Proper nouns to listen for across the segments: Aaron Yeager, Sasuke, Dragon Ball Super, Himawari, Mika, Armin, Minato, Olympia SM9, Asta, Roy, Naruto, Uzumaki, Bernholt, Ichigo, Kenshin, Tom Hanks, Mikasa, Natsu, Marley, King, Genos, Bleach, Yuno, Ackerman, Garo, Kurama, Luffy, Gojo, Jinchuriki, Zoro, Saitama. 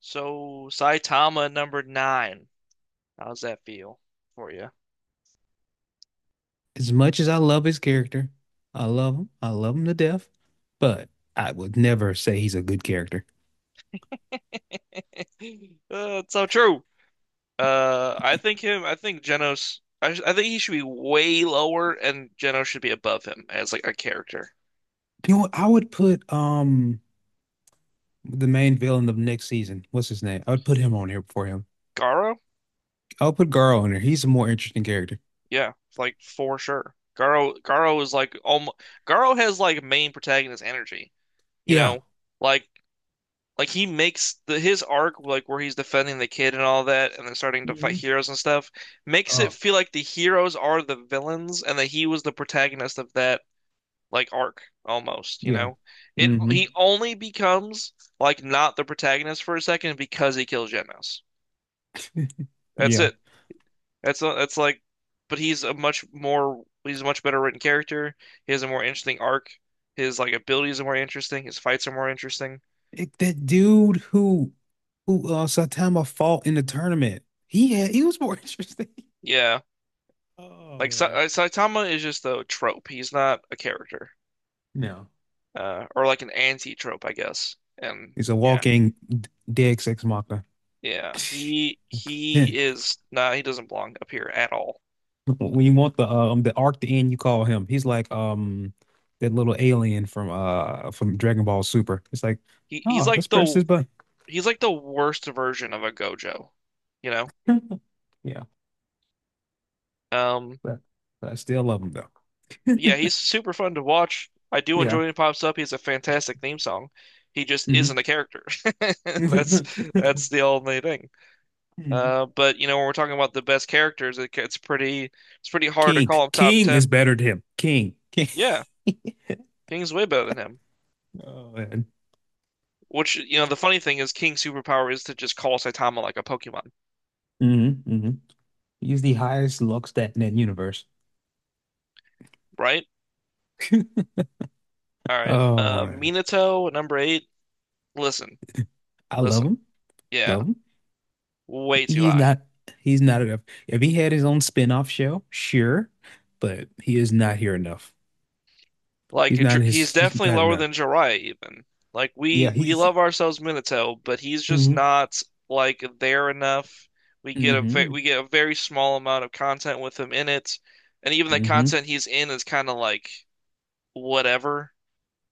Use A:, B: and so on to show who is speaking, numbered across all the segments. A: So Saitama number nine. How's that feel for you?
B: As much as I love his character, I love him. I love him to death, but I would never say he's a good character.
A: It's so true. I think him. I think Genos. I think he should be way lower, and Genos should be above him as like a character.
B: You know what? I would put the main villain of next season. What's his name? I would put him on here before him.
A: Garo,
B: I'll put Garo on here. He's a more interesting character.
A: yeah, like for sure. Garo is like almost. Garo has like main protagonist energy. You
B: Yeah.
A: know, like Like he makes the his arc, like where he's defending the kid and all that, and then starting to fight
B: Hmm.
A: heroes and stuff, makes it
B: Oh,
A: feel like the heroes are the villains and that he was the protagonist of that like arc almost, you
B: yeah.
A: know? It
B: Hmm.
A: he only becomes like not the protagonist for a second because he kills Genos. That's
B: Yeah.
A: it. That's like, but he's a much better written character. He has a more interesting arc. His like abilities are more interesting. His fights are more interesting.
B: That dude who who Saitama fought in the tournament. He was more interesting.
A: Yeah.
B: Oh
A: Like Sa
B: man.
A: Saitama is just a trope. He's not a character,
B: No.
A: or like an anti-trope, I guess. And
B: He's a
A: yeah,
B: walking dead sex machina.
A: yeah, he he is not. He doesn't belong up here at all.
B: When you want the arc to end, you call him. He's like that little alien from Dragon Ball Super. It's like,
A: He's
B: oh,
A: like
B: let's press
A: the
B: this button.
A: he's like the worst version of a Gojo, you know.
B: Yeah,
A: Um,
B: but, but I still love him though.
A: yeah, he's super fun to watch. I do enjoy
B: Yeah.
A: when he pops up. He has a fantastic theme song. He just isn't
B: Hmm.
A: a character. That's that's the only thing. But when we're talking about the best characters, it's pretty hard to
B: King.
A: call him top
B: King is
A: ten.
B: better than him. King. King.
A: Yeah, King's way better than him.
B: Oh man.
A: Which the funny thing is, King's superpower is to just call Saitama like a Pokemon,
B: Hmm. Hmm. He's the highest Lux stat in that universe.
A: right? All right,
B: Oh man.
A: Minato at number eight. Listen,
B: I love
A: listen.
B: him.
A: Yeah,
B: Love him.
A: way too
B: He's
A: high.
B: not he's not enough. If he had his own spin-off show, sure, but he is not here enough.
A: Like He's
B: He's
A: definitely
B: not
A: lower
B: enough.
A: than Jiraiya even. Like we
B: Yeah,
A: we
B: he's
A: love ourselves Minato, but he's just
B: hmm
A: not like there enough.
B: hmm
A: We get a very small amount of content with him in it, and even the
B: hmm
A: content he's in is kind of like whatever.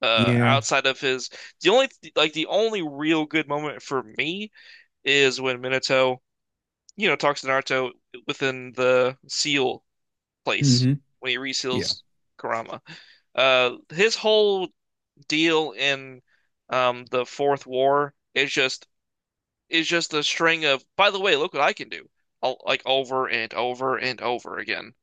A: Uh,
B: Yeah.
A: outside of his, the only the only real good moment for me is when Minato, talks to Naruto within the seal place
B: Hmm.
A: when he
B: Yeah.
A: reseals Kurama. His whole deal in the Fourth War is just a string of, by the way, look what I can do, all, like over and over and over again.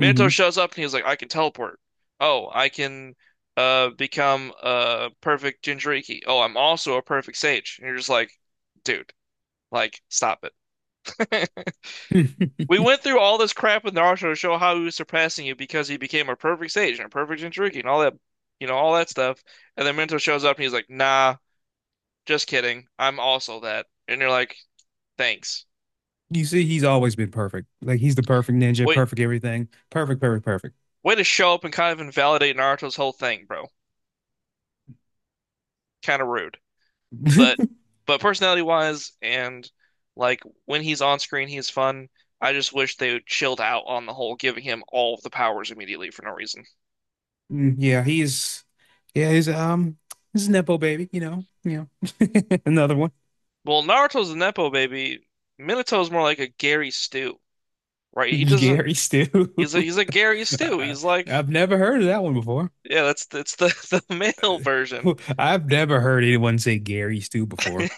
A: Minato shows up and he's like, I can teleport. Oh, I can become a perfect Jinchuriki. Oh, I'm also a perfect sage. And you're just like, dude, like stop it. We went through all this crap with Naruto to show how he was surpassing you because he became a perfect sage and a perfect Jinchuriki and all that, you know, all that stuff. And then Minato shows up and he's like, nah. Just kidding. I'm also that. And you're like, thanks.
B: You see, he's always been perfect. Like he's the perfect ninja,
A: Wait,
B: perfect everything. Perfect, perfect, perfect.
A: way to show up and kind of invalidate Naruto's whole thing, bro. Kind of rude. But but personality wise and like when he's on screen, he's fun. I just wish they would chilled out on the whole, giving him all of the powers immediately for no reason.
B: Mm, yeah, he's yeah, he's a Nepo baby, you know. You know. Another one.
A: Well, Naruto's a nepo baby. Minato's more like a Gary Stew, right? He doesn't.
B: Gary Stu.
A: He's a Gary Stew.
B: I-
A: He's like,
B: I've never heard of that one before.
A: yeah, that's the the male version.
B: I've never heard anyone say Gary Stu before.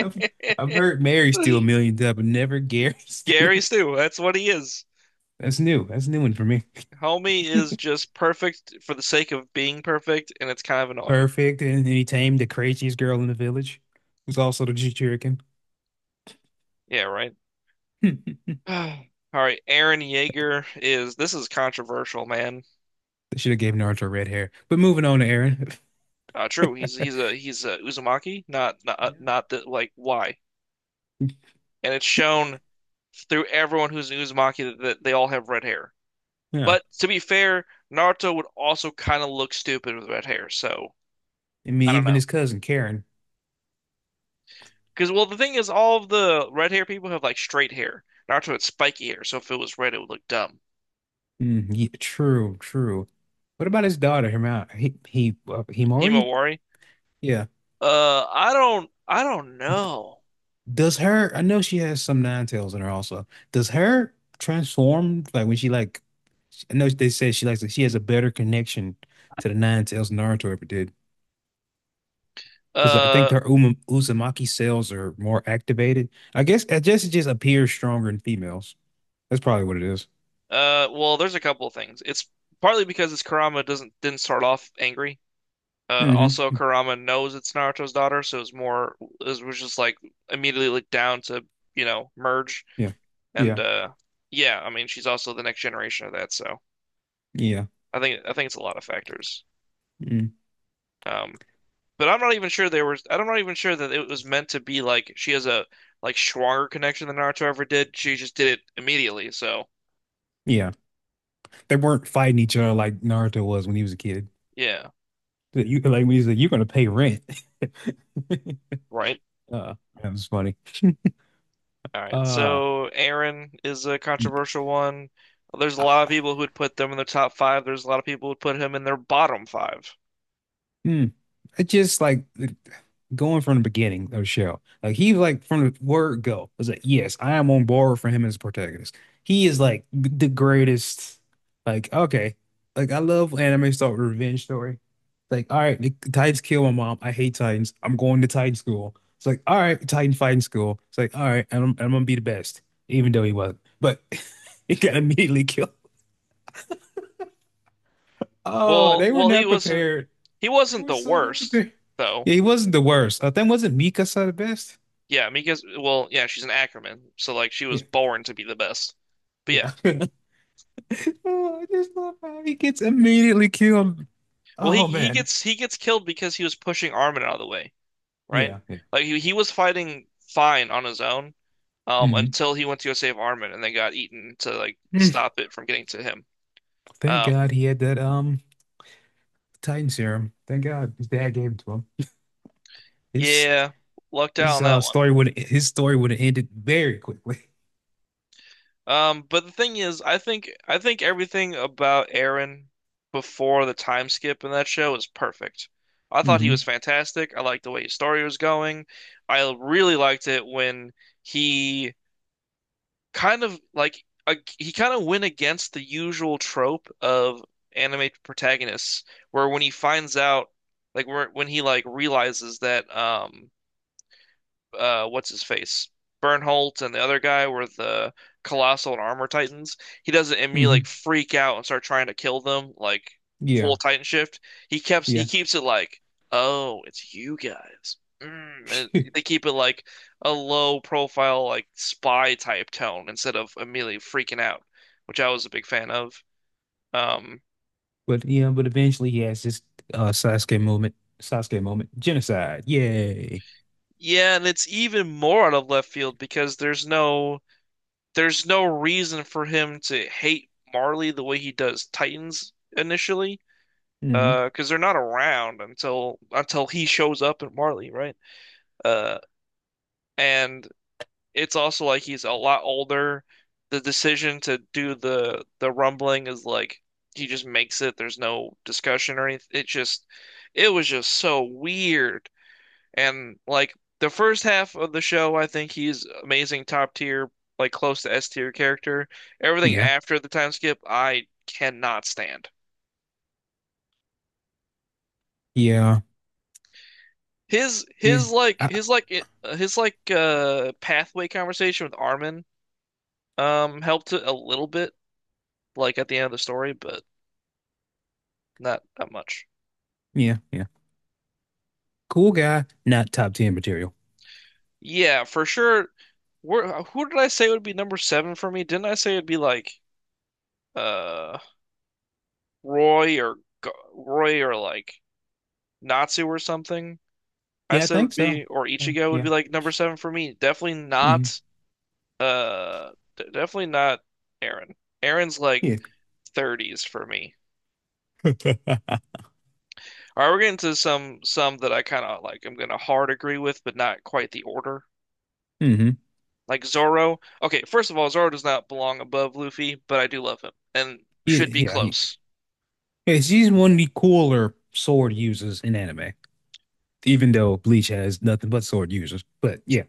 B: I've, I've heard Mary Stu a million times, but never Gary
A: Gary
B: Stu.
A: Stu, that's what he is.
B: That's new. That's a new one for me.
A: Homie is just perfect for the sake of being perfect, and it's kind of annoying.
B: Perfect. And then he tamed the craziest girl in the village, who's also the Jinchurikin.
A: Yeah, right. All right, Aaron Yeager is this is controversial, man.
B: They should have gave Naruto red hair. But moving on to Aaron.
A: True, he's a Uzumaki, not
B: Yeah.
A: not that like why? And it's shown through everyone who's an Uzumaki that they all have red hair.
B: Yeah.
A: But to be fair, Naruto would also kind of look stupid with red hair, so
B: I mean,
A: I don't.
B: even his cousin Karen.
A: Because well, the thing is, all of the red hair people have like straight hair. Naruto had spiky hair, so if it was red, it would look dumb.
B: Mm, yeah, true, true. What about his daughter, Hima? Himori?
A: Himawari.
B: Yeah.
A: I don't know.
B: Does her, I know she has some nine tails in her also. Does her transform like when she like I know they said she has a better connection to the nine tails than Naruto ever did. Because I think
A: Uh,
B: their Uzumaki cells are more activated. I guess it just appears stronger in females. That's probably what it is.
A: well, there's a couple of things. It's partly because it's Kurama doesn't didn't start off angry. Also
B: Mm-hmm.
A: Kurama knows it's Naruto's daughter, so it was just like immediately looked down to, merge.
B: Yeah.
A: And
B: Yeah.
A: yeah, I mean, she's also the next generation of that, so
B: Yeah.
A: I think it's a lot of factors.
B: Mm.
A: Um, But I'm not even sure there was. I'm not even sure that it was meant to be like she has a like stronger connection than Naruto ever did. She just did it immediately. So
B: Yeah. They weren't fighting each other like Naruto was when he was a kid.
A: yeah,
B: You like when he's like, you're gonna pay rent.
A: right.
B: Uh, that was funny.
A: All right.
B: Uh,
A: So Aaron is a
B: y-
A: controversial one. There's a
B: I,
A: lot of people who would put them in the top five. There's a lot of people who would put him in their bottom five.
B: hmm, it's just like going from the beginning of the show. Like he like from the word go was like, yes, I am on board for him as a protagonist. He is like the greatest. Like okay, like I love when anime start with a revenge story. Like all right, the Titans kill my mom. I hate Titans. I'm going to Titan school. It's like all right, Titan fighting school. It's like all right, and I'm gonna be the best, even though he wasn't. But he got immediately killed. Oh,
A: Well,
B: they were
A: well, he
B: not
A: wasn't.
B: prepared.
A: He
B: They
A: wasn't
B: were
A: the
B: so damn
A: worst
B: good.
A: though.
B: Yeah, he wasn't the worst. I think wasn't Mikasa the best?
A: Yeah, Mika's. Well, yeah, she's an Ackerman, so like she was
B: Yeah,
A: born to be the best. But yeah,
B: yeah. Oh, I just love how he gets immediately killed.
A: well,
B: Oh man.
A: he gets killed because he was pushing Armin out of the way. Right?
B: Yeah, yeah.
A: Like he was fighting fine on his own
B: Hmm.
A: until he went to go save Armin and then got eaten to like stop it from getting to him.
B: Thank
A: Um,
B: God he had that Titan serum. Thank God his dad gave it to him. His
A: yeah, lucked out
B: his
A: on that one.
B: story would have ended very quickly.
A: But the thing is, I think everything about Aaron before the time skip in that show is perfect. I thought he was
B: Hmm.
A: fantastic. I liked the way his story was going. I really liked it when he he kind of went against the usual trope of anime protagonists, where when he finds out, when he like realizes that what's his face? Bernholt and the other guy were the Colossal and Armor Titans. He doesn't immediately like
B: Hmm.
A: freak out and start trying to kill them like full
B: Yeah,
A: Titan shift. He
B: yeah.
A: keeps it like, oh, it's you guys. Mm. And they keep it like a low profile like spy type tone instead of immediately freaking out, which I was a big fan of. Um,
B: But yeah, but eventually he has this Sasuke moment, genocide. Yay.
A: yeah, and it's even more out of left field because there's no reason for him to hate Marley the way he does Titans initially,
B: Hmm.
A: because they're not around until he shows up at Marley, right? Uh, and it's also like he's a lot older. The decision to do the rumbling is like he just makes it. There's no discussion or anything. It was just so weird. And like the first half of the show, I think he's amazing, top tier, like close to S tier character. Everything
B: Yeah.
A: after the time skip, I cannot stand.
B: Yeah.
A: His
B: Yeah.
A: his like
B: I,
A: his like it- his like pathway conversation with Armin helped it a little bit like at the end of the story, but not that much.
B: yeah. Yeah. Cool guy, not top 10 material.
A: Yeah, for sure. Who did I say would be number seven for me? Didn't I say it'd be like uh Roy or Roy or like Natsu or something? I
B: Yeah, I
A: said
B: think
A: would
B: so.
A: be, or Ichigo would be
B: Yeah.
A: like number seven for me.
B: Hmm.
A: Uh, definitely not Aaron. Aaron's like
B: Yeah.
A: 30s for me.
B: Hmm.
A: All right, we're getting to some that I kind of like. I'm gonna hard agree with, but not quite the order. Like Zoro. Okay, first of all, Zoro does not belong above Luffy, but I do love him and
B: Yeah.
A: should be close.
B: Yeah, she's one of the cooler sword users in anime, even though Bleach has nothing but sword users. But yeah.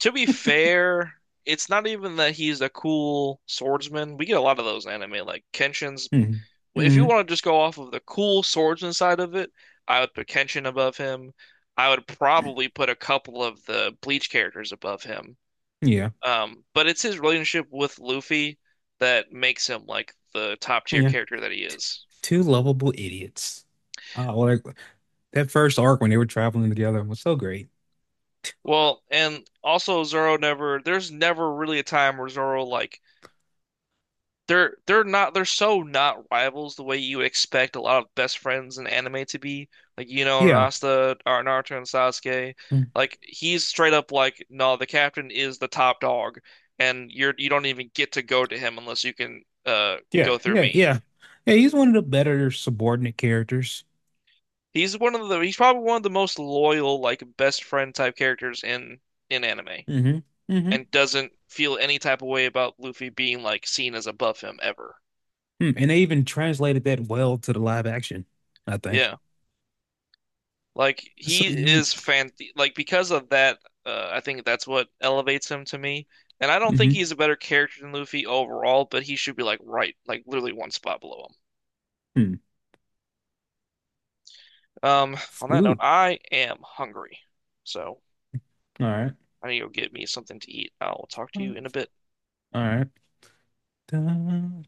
A: To be fair, it's not even that he's a cool swordsman. We get a lot of those in anime, like Kenshin's.
B: Hmm.
A: Well, if you
B: Hmm.
A: want to just go off of the cool swordsman side of it, I would put Kenshin above him. I would probably put a couple of the Bleach characters above him.
B: Yeah.
A: But it's his relationship with Luffy that makes him like the top tier
B: Yeah.
A: character that he is.
B: Two lovable idiots. Oh, well, like that first arc when they were traveling together was so great.
A: Well, and also Zoro never, there's never really a time where Zoro like they're so not rivals the way you would expect a lot of best friends in anime to be. Like Yuno and
B: Yeah.
A: Asta or Naruto and Sasuke.
B: Mm.
A: Like he's straight up like, no, the captain is the top dog and you don't even get to go to him unless you can
B: Yeah.
A: go through
B: Yeah.
A: me.
B: Yeah. Yeah. He's one of the better subordinate characters.
A: He's probably one of the most loyal, like best friend type characters in anime
B: Hmm. Hmm.
A: and doesn't feel any type of way about Luffy being like seen as above him ever.
B: Mm, and they even translated that well to the live action, I think.
A: Yeah. Like
B: So.
A: he
B: Mm-hmm.
A: is fan Like because of that, I think that's what elevates him to me. And I don't think he's a better character than Luffy overall, but he should be like right, like literally one spot below
B: Mm.
A: him. On that note,
B: Ooh.
A: I am hungry, so
B: All right.
A: I need to go get me something to eat. I'll talk to you in a bit.
B: All right.